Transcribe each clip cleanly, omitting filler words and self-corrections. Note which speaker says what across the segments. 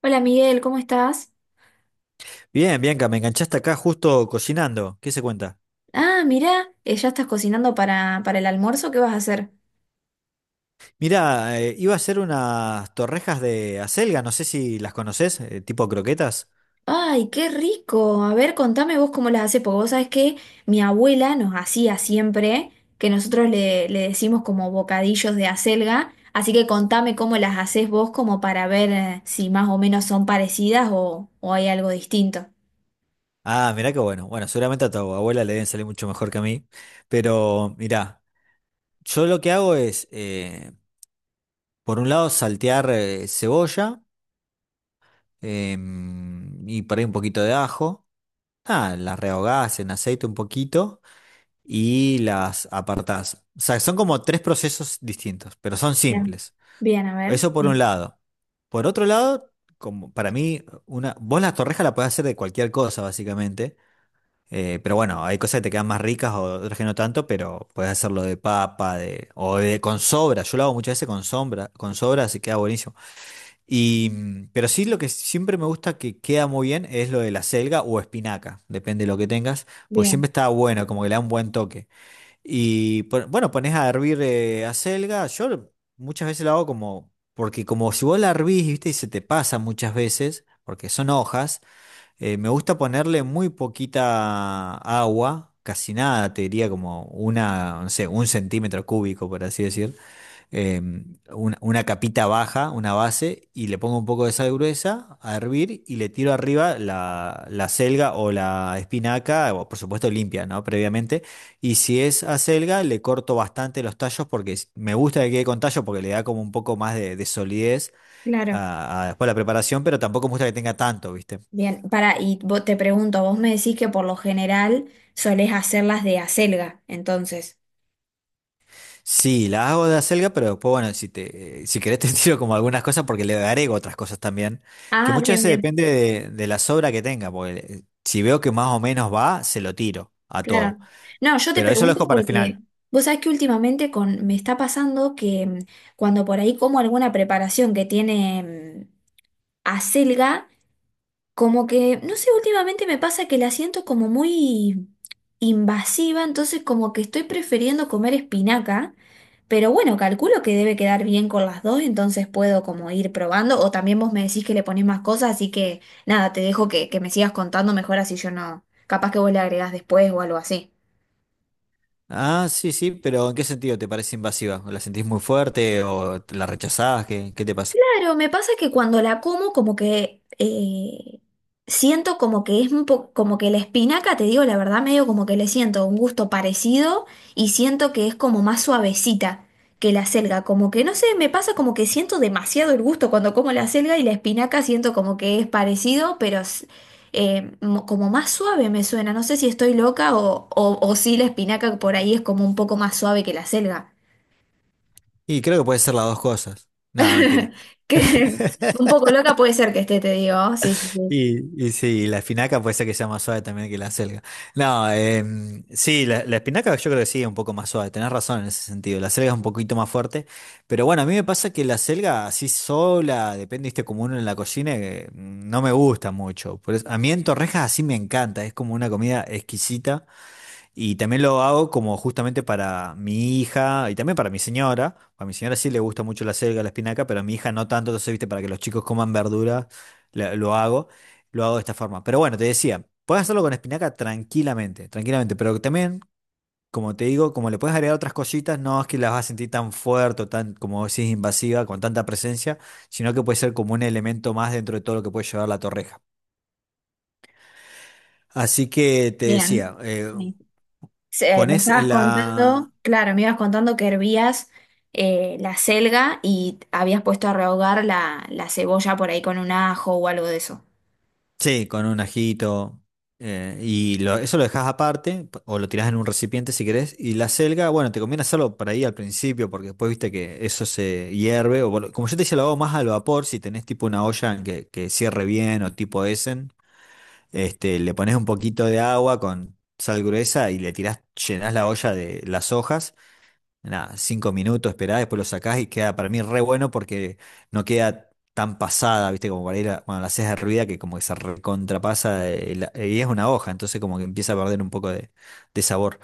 Speaker 1: Hola, Miguel, ¿cómo estás?
Speaker 2: Bien, Bianca, me enganchaste acá justo cocinando. ¿Qué se cuenta?
Speaker 1: Ah, mirá, ya estás cocinando para el almuerzo, ¿qué vas a hacer?
Speaker 2: Mira, iba a hacer unas torrejas de acelga, no sé si las conoces, tipo croquetas.
Speaker 1: ¡Ay, qué rico! A ver, contame vos cómo las haces, porque vos sabés que mi abuela nos hacía siempre, que nosotros le decimos como bocadillos de acelga, así que contame cómo las haces vos como para ver si más o menos son parecidas o hay algo distinto.
Speaker 2: Ah, mirá qué bueno. Bueno, seguramente a tu abuela le deben salir mucho mejor que a mí. Pero mirá, yo lo que hago es, por un lado, saltear cebolla y por ahí un poquito de ajo. Ah, las rehogás en aceite un poquito y las apartás. O sea, son como tres procesos distintos, pero son
Speaker 1: Bien,
Speaker 2: simples.
Speaker 1: bien, a ver.
Speaker 2: Eso por un
Speaker 1: Sí.
Speaker 2: lado. Por otro lado, como para mí, vos las torrejas la podés hacer de cualquier cosa, básicamente. Pero bueno, hay cosas que te quedan más ricas o otras que no tanto, pero podés hacerlo de papa, o de con sobra. Yo lo hago muchas veces con sobra, así queda buenísimo. Pero sí lo que siempre me gusta que queda muy bien es lo de la selga o espinaca, depende de lo que tengas, pues siempre
Speaker 1: Bien,
Speaker 2: está bueno, como que le da un buen toque. Bueno, pones a hervir acelga. Yo muchas veces lo hago como, porque como si vos la hervís, viste, y se te pasa muchas veces, porque son hojas, me gusta ponerle muy poquita agua, casi nada, te diría como una, no sé, un centímetro cúbico, por así decir, eh, una capita baja, una base, y le pongo un poco de sal gruesa a hervir y le tiro arriba la selga o la espinaca, o por supuesto limpia, ¿no? Previamente. Y si es acelga, le corto bastante los tallos porque me gusta que quede con tallo porque le da como un poco más de solidez
Speaker 1: claro.
Speaker 2: a después la preparación, pero tampoco me gusta que tenga tanto, ¿viste?
Speaker 1: Bien, para, y te pregunto, vos me decís que por lo general solés hacerlas de acelga, entonces.
Speaker 2: Sí, la hago de acelga, pero después, bueno, si querés te tiro como algunas cosas porque le agrego otras cosas también, que
Speaker 1: Ah,
Speaker 2: muchas
Speaker 1: bien,
Speaker 2: veces
Speaker 1: bien,
Speaker 2: depende de la sobra que tenga, porque si veo que más o menos va, se lo tiro a
Speaker 1: claro.
Speaker 2: todo,
Speaker 1: No, yo te
Speaker 2: pero eso lo
Speaker 1: pregunto
Speaker 2: dejo para el
Speaker 1: porque
Speaker 2: final.
Speaker 1: vos sabés que últimamente con, me está pasando que cuando por ahí como alguna preparación que tiene mm, acelga, como que, no sé, últimamente me pasa que la siento como muy invasiva, entonces como que estoy prefiriendo comer espinaca, pero bueno, calculo que debe quedar bien con las dos, entonces puedo como ir probando, o también vos me decís que le ponés más cosas, así que nada, te dejo que me sigas contando mejor así yo no, capaz que vos le agregás después o algo así.
Speaker 2: Ah, sí, sí, pero ¿en qué sentido te parece invasiva? ¿La sentís muy fuerte o la rechazás? ¿Qué te pasa?
Speaker 1: Claro, me pasa que cuando la como, como que siento como que es un poco, como que la espinaca, te digo la verdad, medio como que le siento un gusto parecido y siento que es como más suavecita que la selga. Como que no sé, me pasa como que siento demasiado el gusto cuando como la selga y la espinaca siento como que es parecido, pero como más suave me suena. No sé si estoy loca o si la espinaca por ahí es como un poco más suave que la selga.
Speaker 2: Y creo que puede ser las dos cosas. No, mentira.
Speaker 1: Que un poco loca puede ser que esté, te digo. Sí, sí, sí.
Speaker 2: Y sí, la espinaca puede ser que sea más suave también que la acelga. No, sí, la espinaca yo creo que sí es un poco más suave, tenés razón en ese sentido. La acelga es un poquito más fuerte, pero bueno, a mí me pasa que la acelga así sola, depende, viste, como uno en la cocina, no me gusta mucho. A mí en torrejas así me encanta, es como una comida exquisita. Y también lo hago como justamente para mi hija y también para mi señora. A mi señora sí le gusta mucho la selga, la espinaca, pero a mi hija no tanto. Entonces, viste, para que los chicos coman verdura, lo hago. Lo hago de esta forma. Pero bueno, te decía, puedes hacerlo con espinaca tranquilamente, tranquilamente. Pero también, como te digo, como le puedes agregar otras cositas, no es que las vas a sentir tan fuerte o tan, como decís, invasiva, con tanta presencia, sino que puede ser como un elemento más dentro de todo lo que puede llevar la torreja. Así que te decía,
Speaker 1: Bien. Sí. Me
Speaker 2: pones
Speaker 1: estabas contando,
Speaker 2: la.
Speaker 1: claro, me ibas contando que hervías la selga y habías puesto a rehogar la cebolla por ahí con un ajo o algo de eso.
Speaker 2: Sí, con un ajito. Y eso lo dejas aparte o lo tirás en un recipiente si querés. Y la selga, bueno, te conviene hacerlo para ahí al principio porque después viste que eso se hierve. O, como yo te decía, lo hago más al vapor si tenés tipo una olla en que cierre bien o tipo Essen. Le pones un poquito de agua con sal gruesa y llenás la olla de las hojas, nada, 5 minutos, esperá, después lo sacás y queda para mí re bueno porque no queda tan pasada, ¿viste? Como para ir cuando la haces hervida que como que se recontrapasa, y es una hoja, entonces como que empieza a perder un poco de sabor.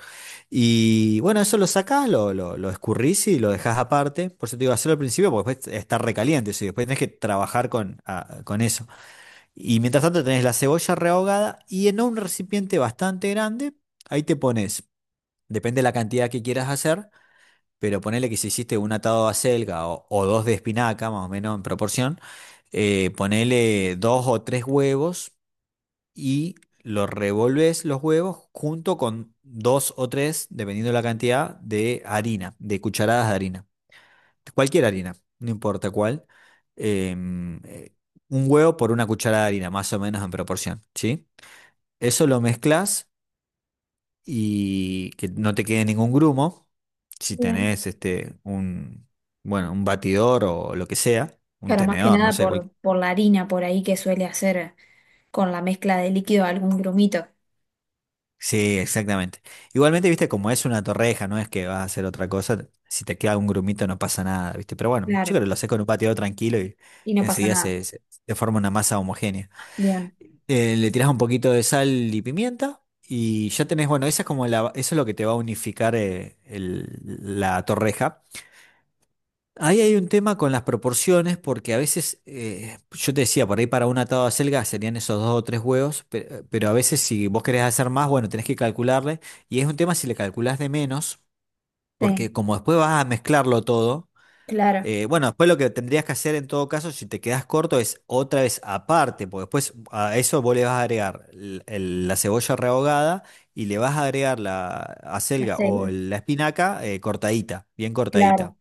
Speaker 2: Y bueno, eso lo sacás, lo escurrís y lo dejás aparte. Por eso te digo, hacerlo al principio porque después está recaliente, eso, y después tenés que trabajar con eso. Y mientras tanto tenés la cebolla rehogada y en un recipiente bastante grande, ahí te pones, depende de la cantidad que quieras hacer, pero ponele que si hiciste un atado de acelga o dos de espinaca, más o menos en proporción, ponele dos o tres huevos y lo revolves los huevos junto con dos o tres, dependiendo de la cantidad, de cucharadas de harina. Cualquier harina, no importa cuál. em, eh, un huevo por una cucharada de harina, más o menos en proporción, ¿sí? Eso lo mezclas y que no te quede ningún grumo. Si
Speaker 1: Bien.
Speaker 2: tenés este un bueno, un batidor o lo que sea, un
Speaker 1: Claro, más que
Speaker 2: tenedor, no
Speaker 1: nada
Speaker 2: sé, cual-
Speaker 1: por la harina por ahí que suele hacer con la mezcla de líquido algún grumito.
Speaker 2: Sí, exactamente. Igualmente, viste, como es una torreja, no es que vas a hacer otra cosa, si te queda un grumito no pasa nada, viste, pero bueno, yo
Speaker 1: Claro.
Speaker 2: creo que lo haces con un batidor tranquilo y
Speaker 1: Y no pasa
Speaker 2: enseguida
Speaker 1: nada.
Speaker 2: se forma una masa homogénea.
Speaker 1: Bien.
Speaker 2: Le tirás un poquito de sal y pimienta y ya tenés, bueno, esa es como la, eso es lo que te va a unificar, la torreja. Ahí hay un tema con las proporciones, porque a veces, yo te decía, por ahí para un atado de acelga serían esos dos o tres huevos, pero, a veces si vos querés hacer más, bueno, tenés que calcularle, y es un tema si le calculás de menos,
Speaker 1: Sí,
Speaker 2: porque como después vas a mezclarlo todo,
Speaker 1: claro.
Speaker 2: bueno, después lo que tendrías que hacer en todo caso, si te quedás corto, es otra vez aparte, porque después a eso vos le vas a agregar la cebolla rehogada y le vas a agregar la
Speaker 1: La
Speaker 2: acelga o
Speaker 1: selga.
Speaker 2: la espinaca, cortadita, bien cortadita.
Speaker 1: Claro.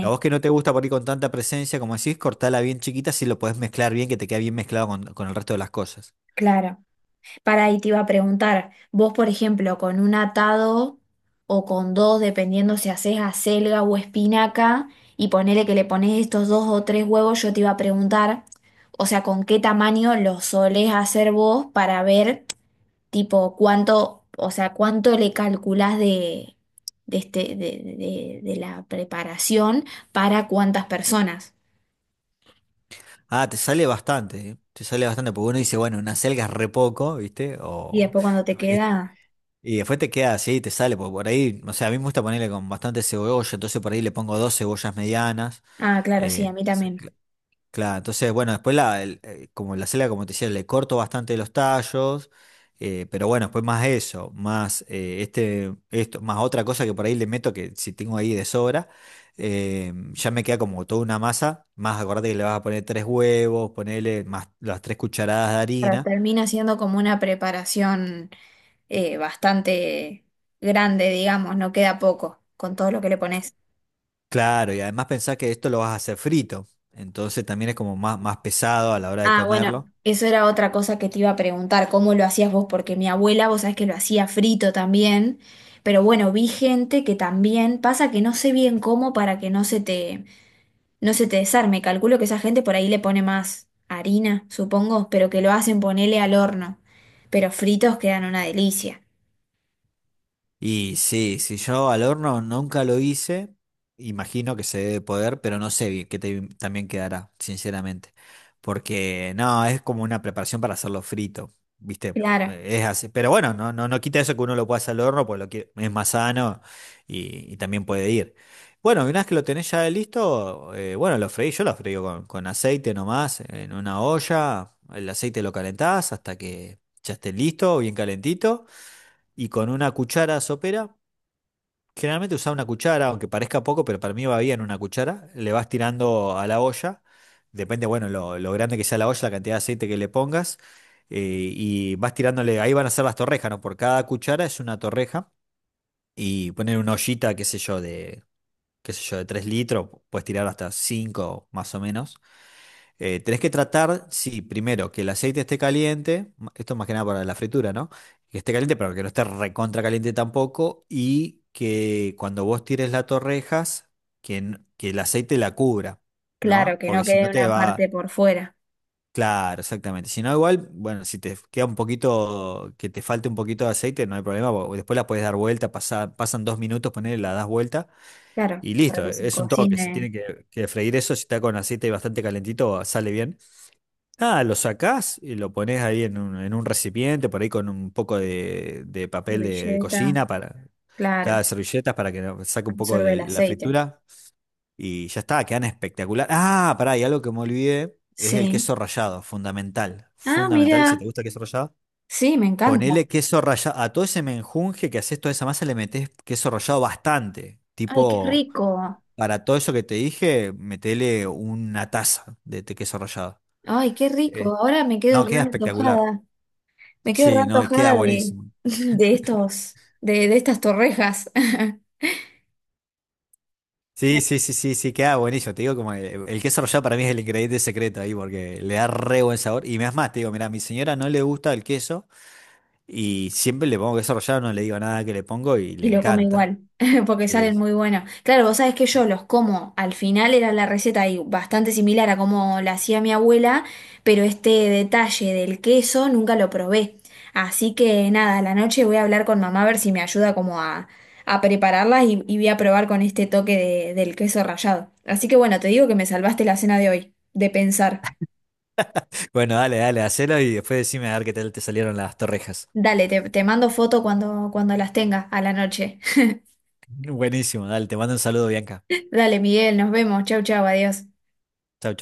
Speaker 2: A vos que no te gusta por ahí con tanta presencia, como decís, cortala bien chiquita si lo podés mezclar bien, que te queda bien mezclado con el resto de las cosas.
Speaker 1: claro. Para ahí te iba a preguntar, vos por ejemplo, con un atado o con dos, dependiendo si haces acelga o espinaca, y ponele que le pones estos dos o tres huevos, yo te iba a preguntar, o sea, con qué tamaño los solés hacer vos para ver, tipo, cuánto, o sea, cuánto le calculás de de la preparación para cuántas personas.
Speaker 2: Ah, te sale bastante, ¿eh? Te sale bastante, porque uno dice, bueno, una acelga es re poco, ¿viste?
Speaker 1: Y después cuando te
Speaker 2: Es-
Speaker 1: queda,
Speaker 2: y después te queda así, te sale, porque por ahí, o sea, a mí me gusta ponerle con bastante cebolla, entonces por ahí le pongo dos cebollas medianas,
Speaker 1: ah, claro, sí, a mí
Speaker 2: entonces,
Speaker 1: también.
Speaker 2: claro, entonces, bueno, después como la selga, como te decía, le corto bastante los tallos, pero bueno, después más eso, más más otra cosa que por ahí le meto que si tengo ahí de sobra, ya me queda como toda una masa, más acordate que le vas a poner tres huevos, ponerle más las 3 cucharadas de
Speaker 1: Pero
Speaker 2: harina,
Speaker 1: termina siendo como una preparación. Bastante grande, digamos, no queda poco con todo lo que le pones.
Speaker 2: claro, y además pensás que esto lo vas a hacer frito, entonces también es como más, más pesado a la hora de
Speaker 1: Ah, bueno,
Speaker 2: comerlo.
Speaker 1: eso era otra cosa que te iba a preguntar, ¿cómo lo hacías vos? Porque mi abuela, vos sabés que lo hacía frito también, pero bueno, vi gente que también, pasa que no sé bien cómo para que no se te desarme, calculo que esa gente por ahí le pone más harina, supongo, pero que lo hacen ponerle al horno, pero fritos quedan una delicia.
Speaker 2: Y sí, si yo al horno nunca lo hice, imagino que se debe poder, pero no sé bien también quedará, sinceramente. Porque no, es como una preparación para hacerlo frito, ¿viste?
Speaker 1: Claro,
Speaker 2: Es así. Pero bueno, no, no, no quita eso que uno lo pueda hacer al horno, pues lo que es más sano y también puede ir. Bueno, y una vez que lo tenés ya listo, bueno, yo lo freí con aceite nomás, en una olla, el aceite lo calentás hasta que ya esté listo, bien calentito y con una cuchara sopera. Generalmente usás una cuchara, aunque parezca poco, pero para mí va bien una cuchara. Le vas tirando a la olla. Depende, bueno, lo grande que sea la olla, la cantidad de aceite que le pongas. eh, y vas tirándole, ahí van a ser las torrejas, ¿no? Por cada cuchara es una torreja. Y poner una ollita, qué sé yo, qué sé yo, de 3 litros, puedes tirar hasta 5 más o menos. Tenés que tratar, sí, primero que el aceite esté caliente, esto más que nada para la fritura, ¿no? Que esté caliente, pero que no esté recontra caliente tampoco, y que cuando vos tires las torrejas, que el aceite la cubra,
Speaker 1: claro,
Speaker 2: ¿no?
Speaker 1: que
Speaker 2: Porque
Speaker 1: no
Speaker 2: si
Speaker 1: quede
Speaker 2: no te
Speaker 1: una
Speaker 2: va.
Speaker 1: parte por fuera,
Speaker 2: Claro, exactamente. Si no, igual, bueno, si te queda un poquito, que te falte un poquito de aceite, no hay problema, porque después la puedes dar vuelta, pasan 2 minutos, ponerle la das vuelta
Speaker 1: claro,
Speaker 2: y
Speaker 1: para
Speaker 2: listo,
Speaker 1: que se
Speaker 2: es un toque, se
Speaker 1: cocine.
Speaker 2: tiene que freír eso, si está con aceite bastante calentito, sale bien. Nada, lo sacás y lo pones ahí en un recipiente, por ahí con un poco de papel de
Speaker 1: Servilleta,
Speaker 2: cocina para
Speaker 1: claro,
Speaker 2: cada servilleta para que saque un poco
Speaker 1: absorbe
Speaker 2: de
Speaker 1: el
Speaker 2: la
Speaker 1: aceite.
Speaker 2: fritura y ya está, quedan espectacular. Ah, pará, y algo que me olvidé es el
Speaker 1: Sí.
Speaker 2: queso rallado, fundamental,
Speaker 1: Ah,
Speaker 2: fundamental, si te
Speaker 1: mira,
Speaker 2: gusta el queso rallado,
Speaker 1: sí, me encanta.
Speaker 2: ponele queso rallado, a todo ese menjunje que haces, toda esa masa le metés queso rallado bastante,
Speaker 1: Ay, qué
Speaker 2: tipo,
Speaker 1: rico.
Speaker 2: para todo eso que te dije, metele una taza de queso rallado.
Speaker 1: Ay, qué
Speaker 2: Eh,
Speaker 1: rico. Ahora me quedo
Speaker 2: no,
Speaker 1: re
Speaker 2: queda espectacular.
Speaker 1: antojada. Me quedo re
Speaker 2: Sí, no, y queda
Speaker 1: antojada
Speaker 2: buenísimo.
Speaker 1: de, estas torrejas.
Speaker 2: Sí, sí, sí, sí, sí, queda buenísimo. Te digo como el queso rallado para mí es el ingrediente secreto ahí porque le da re buen sabor. Y me das más, te digo, mira, a mi señora no le gusta el queso y siempre le pongo queso rallado, no le digo nada que le pongo y le
Speaker 1: Y lo come
Speaker 2: encanta.
Speaker 1: igual, porque
Speaker 2: Sí.
Speaker 1: salen
Speaker 2: Sí.
Speaker 1: muy buenos. Claro, vos sabés que yo los como, al final era la receta y bastante similar a como la hacía mi abuela, pero este detalle del queso nunca lo probé. Así que nada, a la noche voy a hablar con mamá a ver si me ayuda a prepararlas y voy a probar con este toque del queso rallado. Así que bueno, te digo que me salvaste la cena de hoy, de pensar.
Speaker 2: Bueno, dale, dale, hacelo y después decime a ver qué tal te salieron las torrejas.
Speaker 1: Dale, te mando foto cuando las tenga a la noche.
Speaker 2: Buenísimo, dale, te mando un saludo, Bianca.
Speaker 1: Dale, Miguel, nos vemos. Chau, chau, adiós.
Speaker 2: Chau.